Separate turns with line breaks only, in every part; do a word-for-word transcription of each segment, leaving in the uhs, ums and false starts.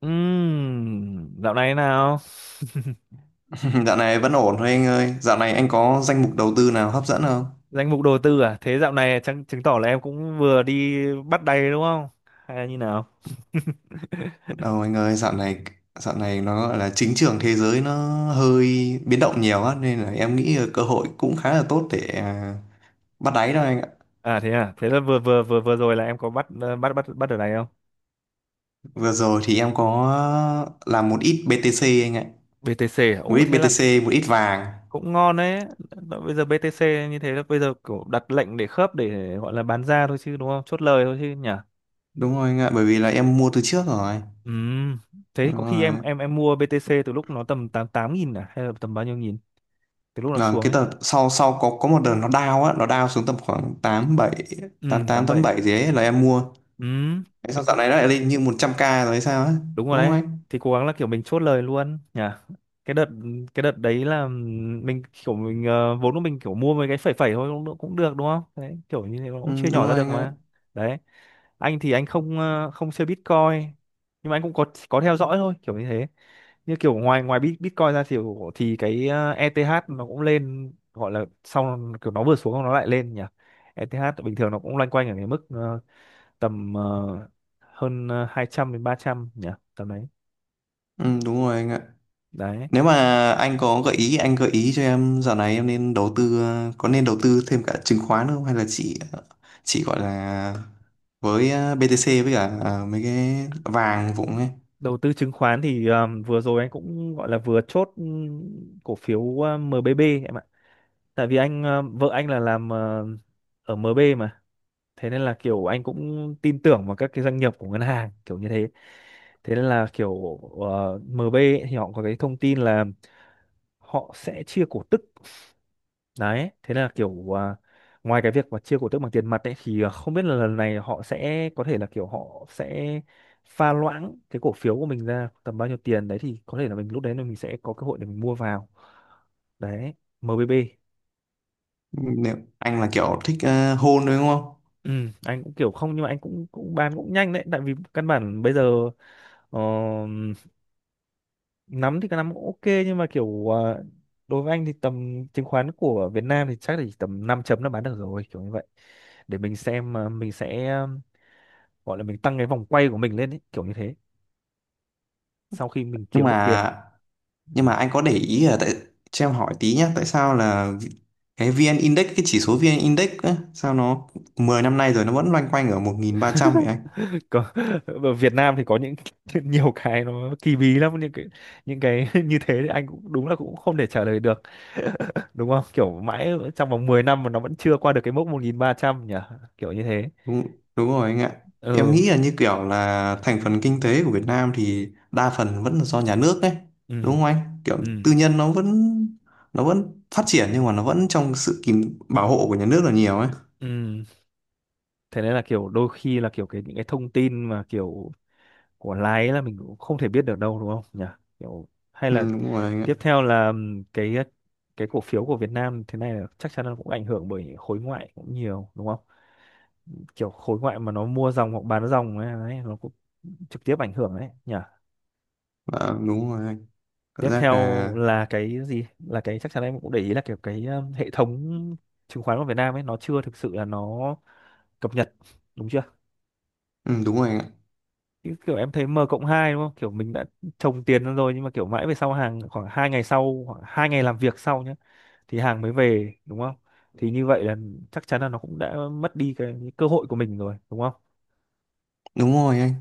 Ừm, dạo này thế nào?
Dạo này vẫn ổn thôi anh ơi. Dạo này anh có danh mục đầu tư nào hấp dẫn không?
Danh mục đầu tư à? Thế dạo này chắc chứng tỏ là em cũng vừa đi bắt đầy đúng không? Hay là như nào?
Đâu anh ơi, dạo này dạo này nó gọi là chính trường thế giới nó hơi biến động nhiều á nên là em nghĩ cơ hội cũng khá là tốt để à, bắt đáy đó anh ạ.
À thế à, thế là vừa vừa vừa vừa rồi là em có bắt ờ, bắt bắt bắt ở này không?
Vừa rồi thì em có làm một ít bê tê xê anh ạ.
bê tê xê à? Ồ
Một ít
thế là
bê tê xê, một ít vàng.
cũng ngon đấy. Bây giờ bi ti xi như thế là bây giờ kiểu đặt lệnh để khớp để gọi là bán ra thôi chứ đúng không? Chốt lời thôi chứ nhỉ?
Đúng rồi anh ạ, bởi vì là em mua từ trước rồi.
Ừm, thế
Đúng
có khi em
rồi.
em em mua bê tê xê từ lúc nó tầm tám tám nghìn à hay là tầm bao nhiêu nghìn? Từ lúc nó
Là
xuống
cái
ấy.
tờ sau sau có có một đợt nó down á, nó down xuống tầm khoảng 8
Ừm,
tám tám
bảy.
87 gì ấy là em mua.
Ừm,
Thế sao
mình
dạo
cũng
này nó lại lên như một trăm ca rồi hay sao á?
đúng rồi
Đúng không
đấy,
anh?
thì cố gắng là kiểu mình chốt lời luôn nhỉ. Cái đợt cái đợt đấy là mình kiểu mình, ờ, vốn của mình kiểu mua mấy cái phẩy phẩy thôi, cũng cũng được đúng không đấy, kiểu như thế nó cũng
Ừ,
chia
đúng
nhỏ ra
rồi
được
anh ạ.
mà. Đấy, anh thì anh không, ờ, không chơi Bitcoin, nhưng mà anh cũng có có theo dõi thôi kiểu như thế, như kiểu ngoài ngoài Bit- Bitcoin ra thì thì cái, ờ, ê tê hát nó cũng lên, gọi là sau kiểu nó vừa xuống nó lại lên nhỉ. ê tê hát bình thường nó cũng loanh quanh ở cái mức, ờ, tầm, ờ, hơn, ờ, hai trăm đến ba trăm nhỉ, tầm đấy
Ừ, đúng rồi anh ạ.
đấy.
Nếu mà anh có gợi ý, anh gợi ý cho em dạo này em nên đầu tư, ờ, có nên đầu tư thêm cả chứng khoán không? Hay là chỉ ờ, chỉ gọi là với ờ, bê tê xê với cả ờ, mấy cái vàng vụng ấy.
Đầu tư chứng khoán thì um, vừa rồi anh cũng gọi là vừa chốt um, cổ phiếu uh, em bê bê em ạ, tại vì anh um, vợ anh là làm uh, ở em bê mà, thế nên là kiểu anh cũng tin tưởng vào các cái doanh nghiệp của ngân hàng kiểu như thế. Thế nên là kiểu uh, em bê ấy thì họ có cái thông tin là họ sẽ chia cổ tức. Đấy, thế là kiểu à, ngoài cái việc mà chia cổ tức bằng tiền mặt ấy thì à, không biết là lần này họ sẽ có thể là kiểu họ sẽ pha loãng cái cổ phiếu của mình ra tầm bao nhiêu tiền đấy, thì có thể là mình lúc đấy là mình sẽ có cơ hội để mình mua vào. Đấy, em bê bê.
Nếu anh là kiểu thích uh, hôn đúng không?
Ừ, anh cũng kiểu không, nhưng mà anh cũng cũng bán cũng nhanh đấy, tại vì căn bản bây giờ, ờ, nắm thì cái nắm cũng ok, nhưng mà kiểu à, đối với anh thì tầm chứng khoán của Việt Nam thì chắc là chỉ tầm năm chấm là bán được rồi, kiểu như vậy, để mình xem à, mình sẽ gọi là mình tăng cái vòng quay của mình lên ấy, kiểu như thế, sau khi mình
Nhưng
kiếm được
mà
tiền.
nhưng
Ừ.
mà anh có để ý là tại cho em hỏi tí nhá, tại sao là vi- cái vê en Index, cái chỉ số vê en Index á, sao nó mười năm nay rồi nó vẫn loanh quanh ở một nghìn ba trăm vậy anh?
Có, ở Việt Nam thì có những nhiều cái nó kỳ bí lắm, những cái những cái như thế thì anh cũng đúng là cũng không thể trả lời được, đúng không, kiểu mãi trong vòng mười năm mà nó vẫn chưa qua được cái mốc một nghìn ba trăm nhỉ, kiểu như thế.
Đúng đúng rồi anh ạ. Em
Ừ.
nghĩ là như kiểu là thành phần kinh tế của Việt Nam thì đa phần vẫn là do nhà nước đấy
Ừ.
đúng không anh? Kiểu
Ừ.
tư nhân nó vẫn nó vẫn phát triển nhưng mà nó vẫn trong sự kìm bảo hộ của nhà nước là nhiều ấy.
Ừ. Thế nên là kiểu đôi khi là kiểu cái những cái thông tin mà kiểu của lái là mình cũng không thể biết được đâu, đúng không nhỉ, kiểu hay
Ừ,
là
đúng rồi anh
tiếp
ạ.
theo là ừm, cái cái cổ phiếu của Việt Nam thế này là chắc chắn là cũng ảnh hưởng bởi khối ngoại cũng nhiều đúng không, kiểu khối ngoại mà nó mua dòng hoặc bán dòng ấy, đấy, nó cũng trực tiếp ảnh hưởng đấy nhỉ.
Dạ, đúng rồi anh. Cảm
Tiếp
giác
theo
là
là cái gì là cái chắc chắn em cũng để ý là kiểu cái um, hệ thống chứng khoán của Việt Nam ấy nó chưa thực sự là nó cập nhật, đúng chưa?
ừ, đúng rồi anh ạ.
Chứ kiểu em thấy M cộng hai đúng không? Kiểu mình đã trồng tiền ra rồi nhưng mà kiểu mãi về sau hàng khoảng hai ngày sau, khoảng hai ngày làm việc sau nhé, thì hàng mới về đúng không? Thì như vậy là chắc chắn là nó cũng đã mất đi cái, cái cơ hội của mình rồi, đúng không?
Đúng rồi anh.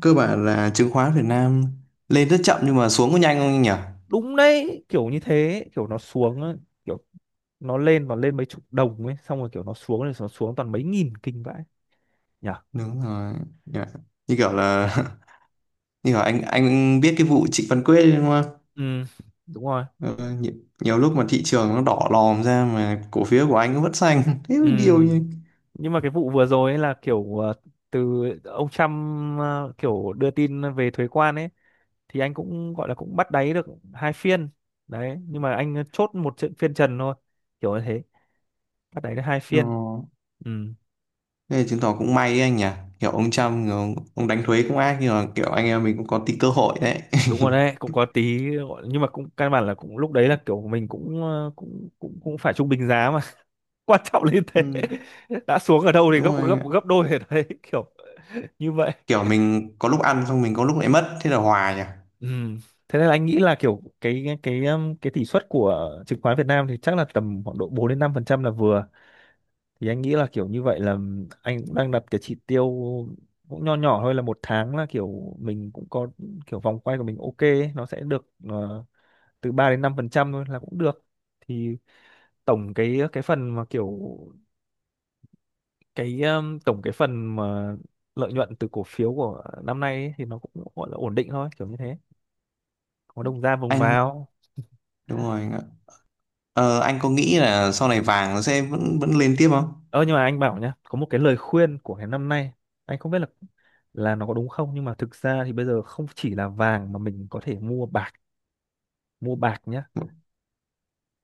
Cơ bản là chứng khoán Việt Nam lên rất chậm nhưng mà xuống có nhanh không anh nhỉ?
Đúng đấy, kiểu như thế, kiểu nó xuống á, kiểu nó lên nó lên mấy chục đồng ấy, xong rồi kiểu nó xuống, rồi nó xuống toàn mấy nghìn kinh vãi nhỉ.
Đúng rồi. Dạ. Như kiểu là như kiểu anh anh biết cái vụ Trịnh Văn Quyết đấy đúng không?
Ừ, đúng rồi.
Ờ, nhiều, nhiều lúc mà thị trường nó đỏ lòm ra mà cổ phiếu của anh nó vẫn xanh. Thế
Ừ.
mới điều nhỉ.
Nhưng mà cái vụ vừa rồi ấy là kiểu, ờ, từ ông Trump ờ, kiểu đưa tin về thuế quan ấy, thì anh cũng gọi là cũng bắt đáy được hai phiên đấy, nhưng mà anh chốt một trận phiên trần thôi, kiểu như thế, bắt đáy được hai
Ờ.
phiên. Ừ.
Thế là chứng tỏ cũng may đấy anh nhỉ. Kiểu ông Trump người ông, ông đánh thuế cũng ác nhưng mà kiểu anh em mình cũng có tí cơ hội đấy.
Đúng rồi đấy, cũng có tí gọi- nhưng mà cũng căn bản là cũng lúc đấy là kiểu mình cũng, ờ, cũng cũng cũng phải trung bình giá mà, quan trọng là như thế.
Ừ,
Đã xuống ở đâu thì gấp
đúng rồi anh
gấp
ạ.
gấp đôi ở đấy, kiểu như vậy.
Kiểu mình có lúc ăn xong mình có lúc lại mất thế là hòa nhỉ.
Ừ. Thế nên là anh nghĩ là kiểu cái cái cái um, cái tỷ suất của chứng khoán Việt Nam thì chắc là tầm khoảng độ bốn đến năm phần trăm là vừa. Thì anh nghĩ là kiểu như vậy là anh cũng đang đặt cái chỉ tiêu cũng nho nhỏ thôi, là một tháng là kiểu mình cũng có kiểu vòng quay của mình ok ấy, nó sẽ được, ờ, từ ba đến năm phần trăm thôi là cũng được. Thì tổng cái cái phần mà kiểu cái um, tổng cái phần mà lợi nhuận từ cổ phiếu của năm nay ấy, thì nó cũng gọi là ổn định thôi, kiểu như thế. Có đồng ra vùng
Anh
vào.
đúng rồi. Ờ, anh có nghĩ là sau này vàng nó sẽ vẫn vẫn lên tiếp không?
Ơ nhưng mà anh bảo nhá, có một cái lời khuyên của cái năm nay, anh không biết là là nó có đúng không, nhưng mà thực ra thì bây giờ không chỉ là vàng mà mình có thể mua bạc, mua bạc nhá,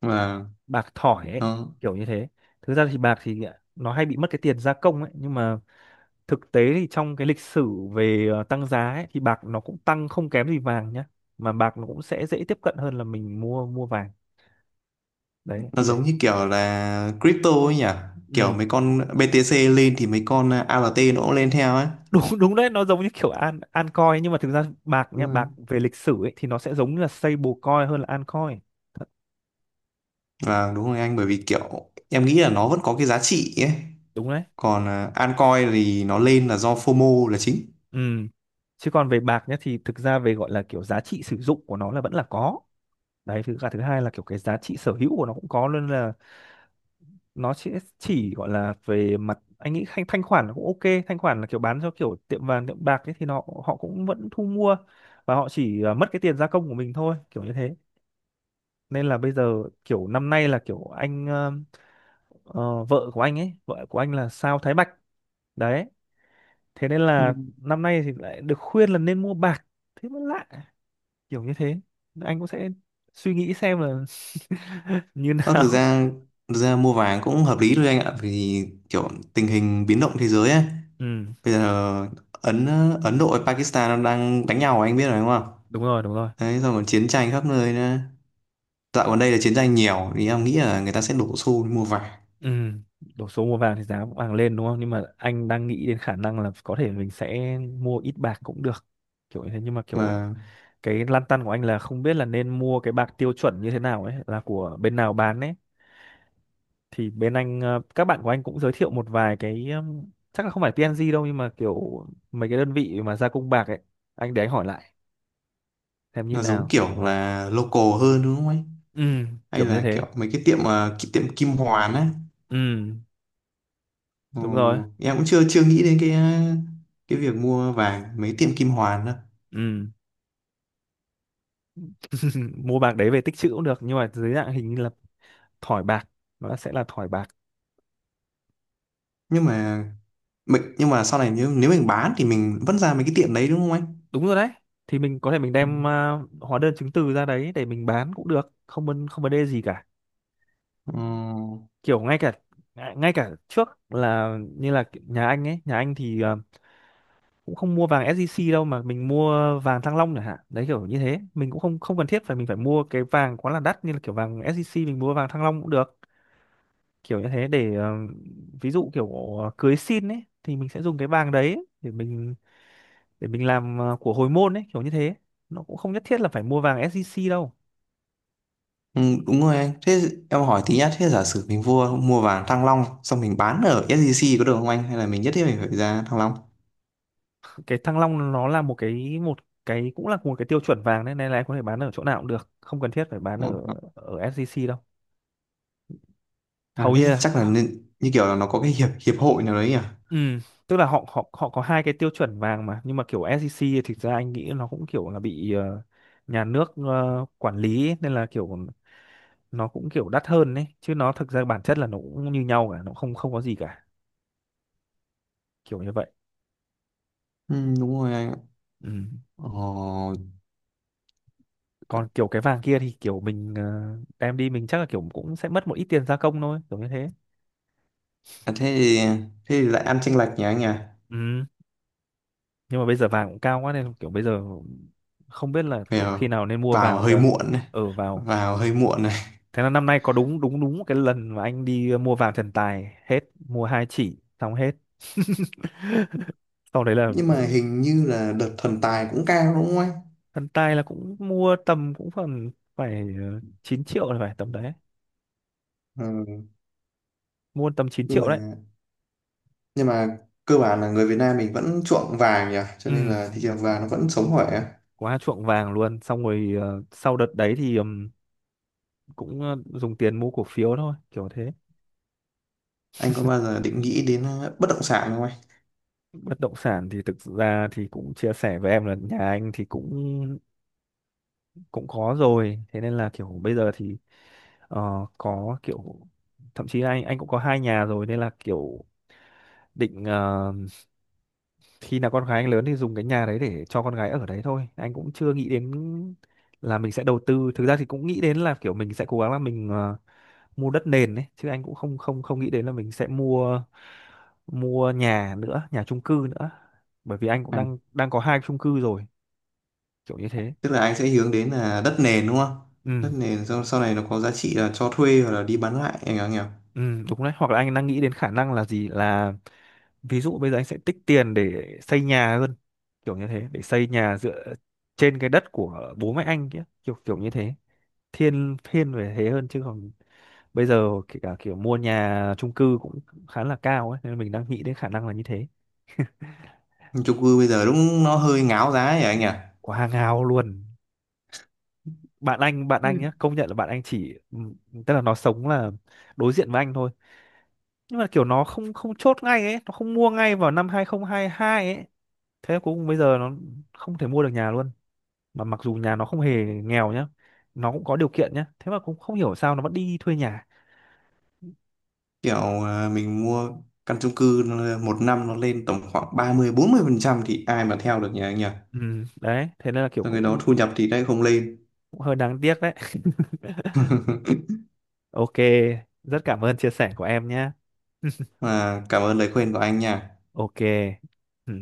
Mà
bạc thỏi ấy,
nó
kiểu như thế. Thực ra thì bạc thì à, nó hay bị mất cái tiền gia công ấy, nhưng mà thực tế thì trong cái lịch sử về, ờ, tăng giá ấy, thì bạc nó cũng tăng không kém gì vàng nhá, mà bạc nó cũng sẽ dễ tiếp cận hơn là mình mua mua vàng. Đấy
nó
thì anh.
giống như kiểu là crypto ấy nhỉ? Kiểu
Ừ.
mấy con bê tê xê lên thì mấy con an nó cũng lên theo ấy.
Đúng đúng đấy, nó giống như kiểu an an coin, nhưng mà thực ra bạc nhá,
Đúng rồi.
bạc về lịch sử ấy thì nó sẽ giống như là stablecoin hơn là an coin.
Và đúng rồi anh bởi vì kiểu em nghĩ là nó vẫn có cái giá trị ấy.
Đúng đấy.
Còn à, altcoin thì nó lên là do phô mô là chính.
Ừ. Chứ còn về bạc nhá thì thực ra về gọi là kiểu giá trị sử dụng của nó là vẫn là có đấy, thứ cả thứ hai là kiểu cái giá trị sở hữu của nó cũng có, nên là nó sẽ chỉ gọi là về mặt anh nghĩ thanh thanh khoản là cũng ok, thanh khoản là kiểu bán cho kiểu tiệm vàng tiệm bạc ấy thì nó họ cũng vẫn thu mua, và họ chỉ, ờ, mất cái tiền gia công của mình thôi, kiểu như thế, nên là bây giờ kiểu năm nay là kiểu anh, ờ, vợ của anh ấy vợ của anh là sao Thái Bạch đấy, thế nên
Ừ.
là năm nay thì lại được khuyên là nên mua bạc, thế mới lạ, kiểu như thế. Anh cũng sẽ suy nghĩ xem là như
Ờ, thực
nào.
ra thực ra mua vàng cũng hợp lý thôi anh ạ vì kiểu tình hình biến động thế giới ấy.
Ừ,
Bây giờ Ấn Ấn Độ và Pakistan nó đang đánh nhau anh biết rồi đúng không?
đúng rồi. Đúng rồi.
Đấy, xong còn chiến tranh khắp nơi nữa. Dạo gần đây là chiến tranh nhiều thì em nghĩ là người ta sẽ đổ xô đi mua vải
Ừ. Đổ số mua vàng thì giá vàng lên đúng không, nhưng mà anh đang nghĩ đến khả năng là có thể mình sẽ mua ít bạc cũng được, kiểu như thế, nhưng mà kiểu
và
cái lăn tăn của anh là không biết là nên mua cái bạc tiêu chuẩn như thế nào ấy, là của bên nào bán ấy. Thì bên anh, ờ, các bạn của anh cũng giới thiệu một vài cái ừm, chắc là không phải pê en giê đâu, nhưng mà kiểu mấy cái đơn vị mà gia công bạc ấy, anh để anh hỏi lại xem như
nó giống
nào.
kiểu là local hơn đúng không ấy?
Ừ.
Hay
Kiểu như
là
thế.
kiểu mấy cái tiệm à, cái tiệm Kim Hoàn á.
Ừ.
Ờ,
Đúng rồi.
em cũng chưa chưa nghĩ đến cái à, cái việc mua vàng mấy tiệm Kim Hoàn đâu.
Ừ. Mua bạc đấy về tích trữ cũng được, nhưng mà dưới dạng hình như là thỏi bạc, nó sẽ là thỏi bạc.
Nhưng mà mình nhưng mà sau này nếu nếu mình bán thì mình vẫn ra mấy cái tiệm đấy đúng không anh?
Đúng rồi đấy, thì mình có thể mình đem, ờ, hóa đơn chứng từ ra đấy để mình bán cũng được, không vấn không vấn đề gì cả,
Ừ.
kiểu ngay cả ngay ngay cả trước là như là nhà anh ấy nhà anh thì, ờ, cũng không mua vàng ét gi xê đâu, mà mình mua vàng Thăng Long chẳng hạn, đấy kiểu như thế, mình cũng không không cần thiết phải mình phải mua cái vàng quá là đắt như là kiểu vàng ét gi xê, mình mua vàng Thăng Long cũng được, kiểu như thế, để, ờ, ví dụ kiểu, ờ, cưới xin ấy thì mình sẽ dùng cái vàng đấy để mình để mình làm, ờ, của hồi môn ấy, kiểu như thế, nó cũng không nhất thiết là phải mua vàng ét gi xê đâu.
Ừ, đúng rồi anh. Thế em hỏi tí nhá, thế giả sử mình mua mua vàng Thăng Long xong mình bán ở ét gi xê có được không anh? Hay là mình nhất thiết mình phải ra Thăng Long?
Cái Thăng Long nó là một cái một cái cũng là một cái tiêu chuẩn vàng đấy, nên là em có thể bán ở chỗ nào cũng được, không cần thiết phải bán
Ờ,
ở
ờ.
ở ét gi xê đâu,
À,
hầu
thế
như là.
chắc là nên, như kiểu là nó có cái hiệp hiệp hội nào đấy nhỉ?
Ừ, tức là họ họ họ có hai cái tiêu chuẩn vàng mà, nhưng mà kiểu SEC thì thực ra anh nghĩ nó cũng kiểu là bị ờ, nhà nước ờ, quản lý ấy, nên là kiểu nó cũng kiểu đắt hơn đấy chứ, nó thực ra bản chất là nó cũng như nhau cả, nó không không có gì cả, kiểu như vậy.
Ừ, đúng rồi anh ạ.
Ừ.
Ờ,
Còn kiểu cái vàng kia thì kiểu mình ờ, đem đi, mình chắc là kiểu cũng sẽ mất một ít tiền gia công thôi, kiểu như thế.
à, thế thì, thế thì lại ăn chênh lệch nhỉ anh nhỉ?
Ừ. Nhưng mà bây giờ vàng cũng cao quá, nên kiểu bây giờ không biết là kiểu khi
Vào,
nào nên mua
vào
vào
hơi
cơ.
muộn này,
Ừ, vào.
vào hơi muộn này.
Thế là năm nay có đúng đúng đúng cái lần mà anh đi ờ, mua vàng thần tài hết, mua hai chỉ xong hết. Sau đấy là
Nhưng mà
dự-
hình như là đợt thần tài cũng cao đúng không anh?
thần tài là cũng mua tầm, cũng phần phải ờ, chín triệu là phải tầm đấy.
Ừ,
Mua tầm chín
nhưng
triệu đấy.
mà nhưng mà cơ bản là người Việt Nam mình vẫn chuộng vàng nhỉ, cho
Ừ,
nên là thị trường vàng nó vẫn sống khỏe.
quá chuộng vàng luôn. Xong rồi ờ, sau đợt đấy thì ừm, cũng ờ, dùng tiền mua cổ phiếu thôi, kiểu thế.
Anh có bao giờ định nghĩ đến ờ, bất động sản không anh?
Bất động sản thì thực ra thì cũng chia sẻ với em là nhà anh thì cũng cũng có rồi. Thế nên là kiểu bây giờ thì. Ờ, có kiểu thậm chí anh anh cũng có hai nhà rồi, nên là kiểu định ờ, khi nào con gái anh lớn thì dùng cái nhà đấy để cho con gái ở đấy thôi, anh cũng chưa nghĩ đến là mình sẽ đầu tư. Thực ra thì cũng nghĩ đến là kiểu mình sẽ cố gắng là mình ờ, mua đất nền đấy chứ, anh cũng không không không nghĩ đến là mình sẽ mua mua nhà nữa, nhà chung cư nữa, bởi vì anh cũng
À,
đang đang có hai chung cư rồi, kiểu như thế.
tức là anh sẽ hướng đến là đất nền đúng không? Đất
Ừ.
nền sau, sau này nó có giá trị là cho thuê hoặc là đi bán lại anh nhỉ?
Ừ, đúng đấy. Hoặc là anh đang nghĩ đến khả năng là gì, là ví dụ bây giờ anh sẽ tích tiền để xây nhà hơn, kiểu như thế, để xây nhà dựa trên cái đất của bố mẹ anh kia, kiểu kiểu như thế. Thiên thiên về thế hơn, chứ còn bây giờ kể cả kiểu mua nhà chung cư cũng khá là cao ấy, nên mình đang nghĩ đến khả năng là như thế.
Nhưng chung cư bây giờ đúng nó hơi ngáo giá ấy anh nhỉ?
Quá ngáo luôn. Bạn anh bạn anh nhá, công nhận là bạn anh chỉ ừm, tức là nó sống là đối diện với anh thôi, nhưng mà kiểu nó không không chốt ngay ấy, nó không mua ngay vào năm hai không hai hai ấy, thế cuối cùng bây giờ nó không thể mua được nhà luôn, mà mặc dù nhà nó không hề nghèo nhá, nó cũng có điều kiện nhá, thế mà cũng không hiểu sao nó vẫn đi thuê nhà.
Kiểu ờ, mình mua căn chung cư nó- một năm nó lên tầm khoảng ba mươi bốn mươi phần trăm thì ai mà theo được nhỉ anh nhỉ?
Ừ, đấy thế nên là kiểu
Rồi cái đó
cũng,
thu nhập thì lại không lên.
cũng hơi đáng tiếc đấy. Ok, rất cảm ơn chia sẻ của em nhé.
Mà cảm ơn lời khuyên của anh nha.
Ok. Ừ.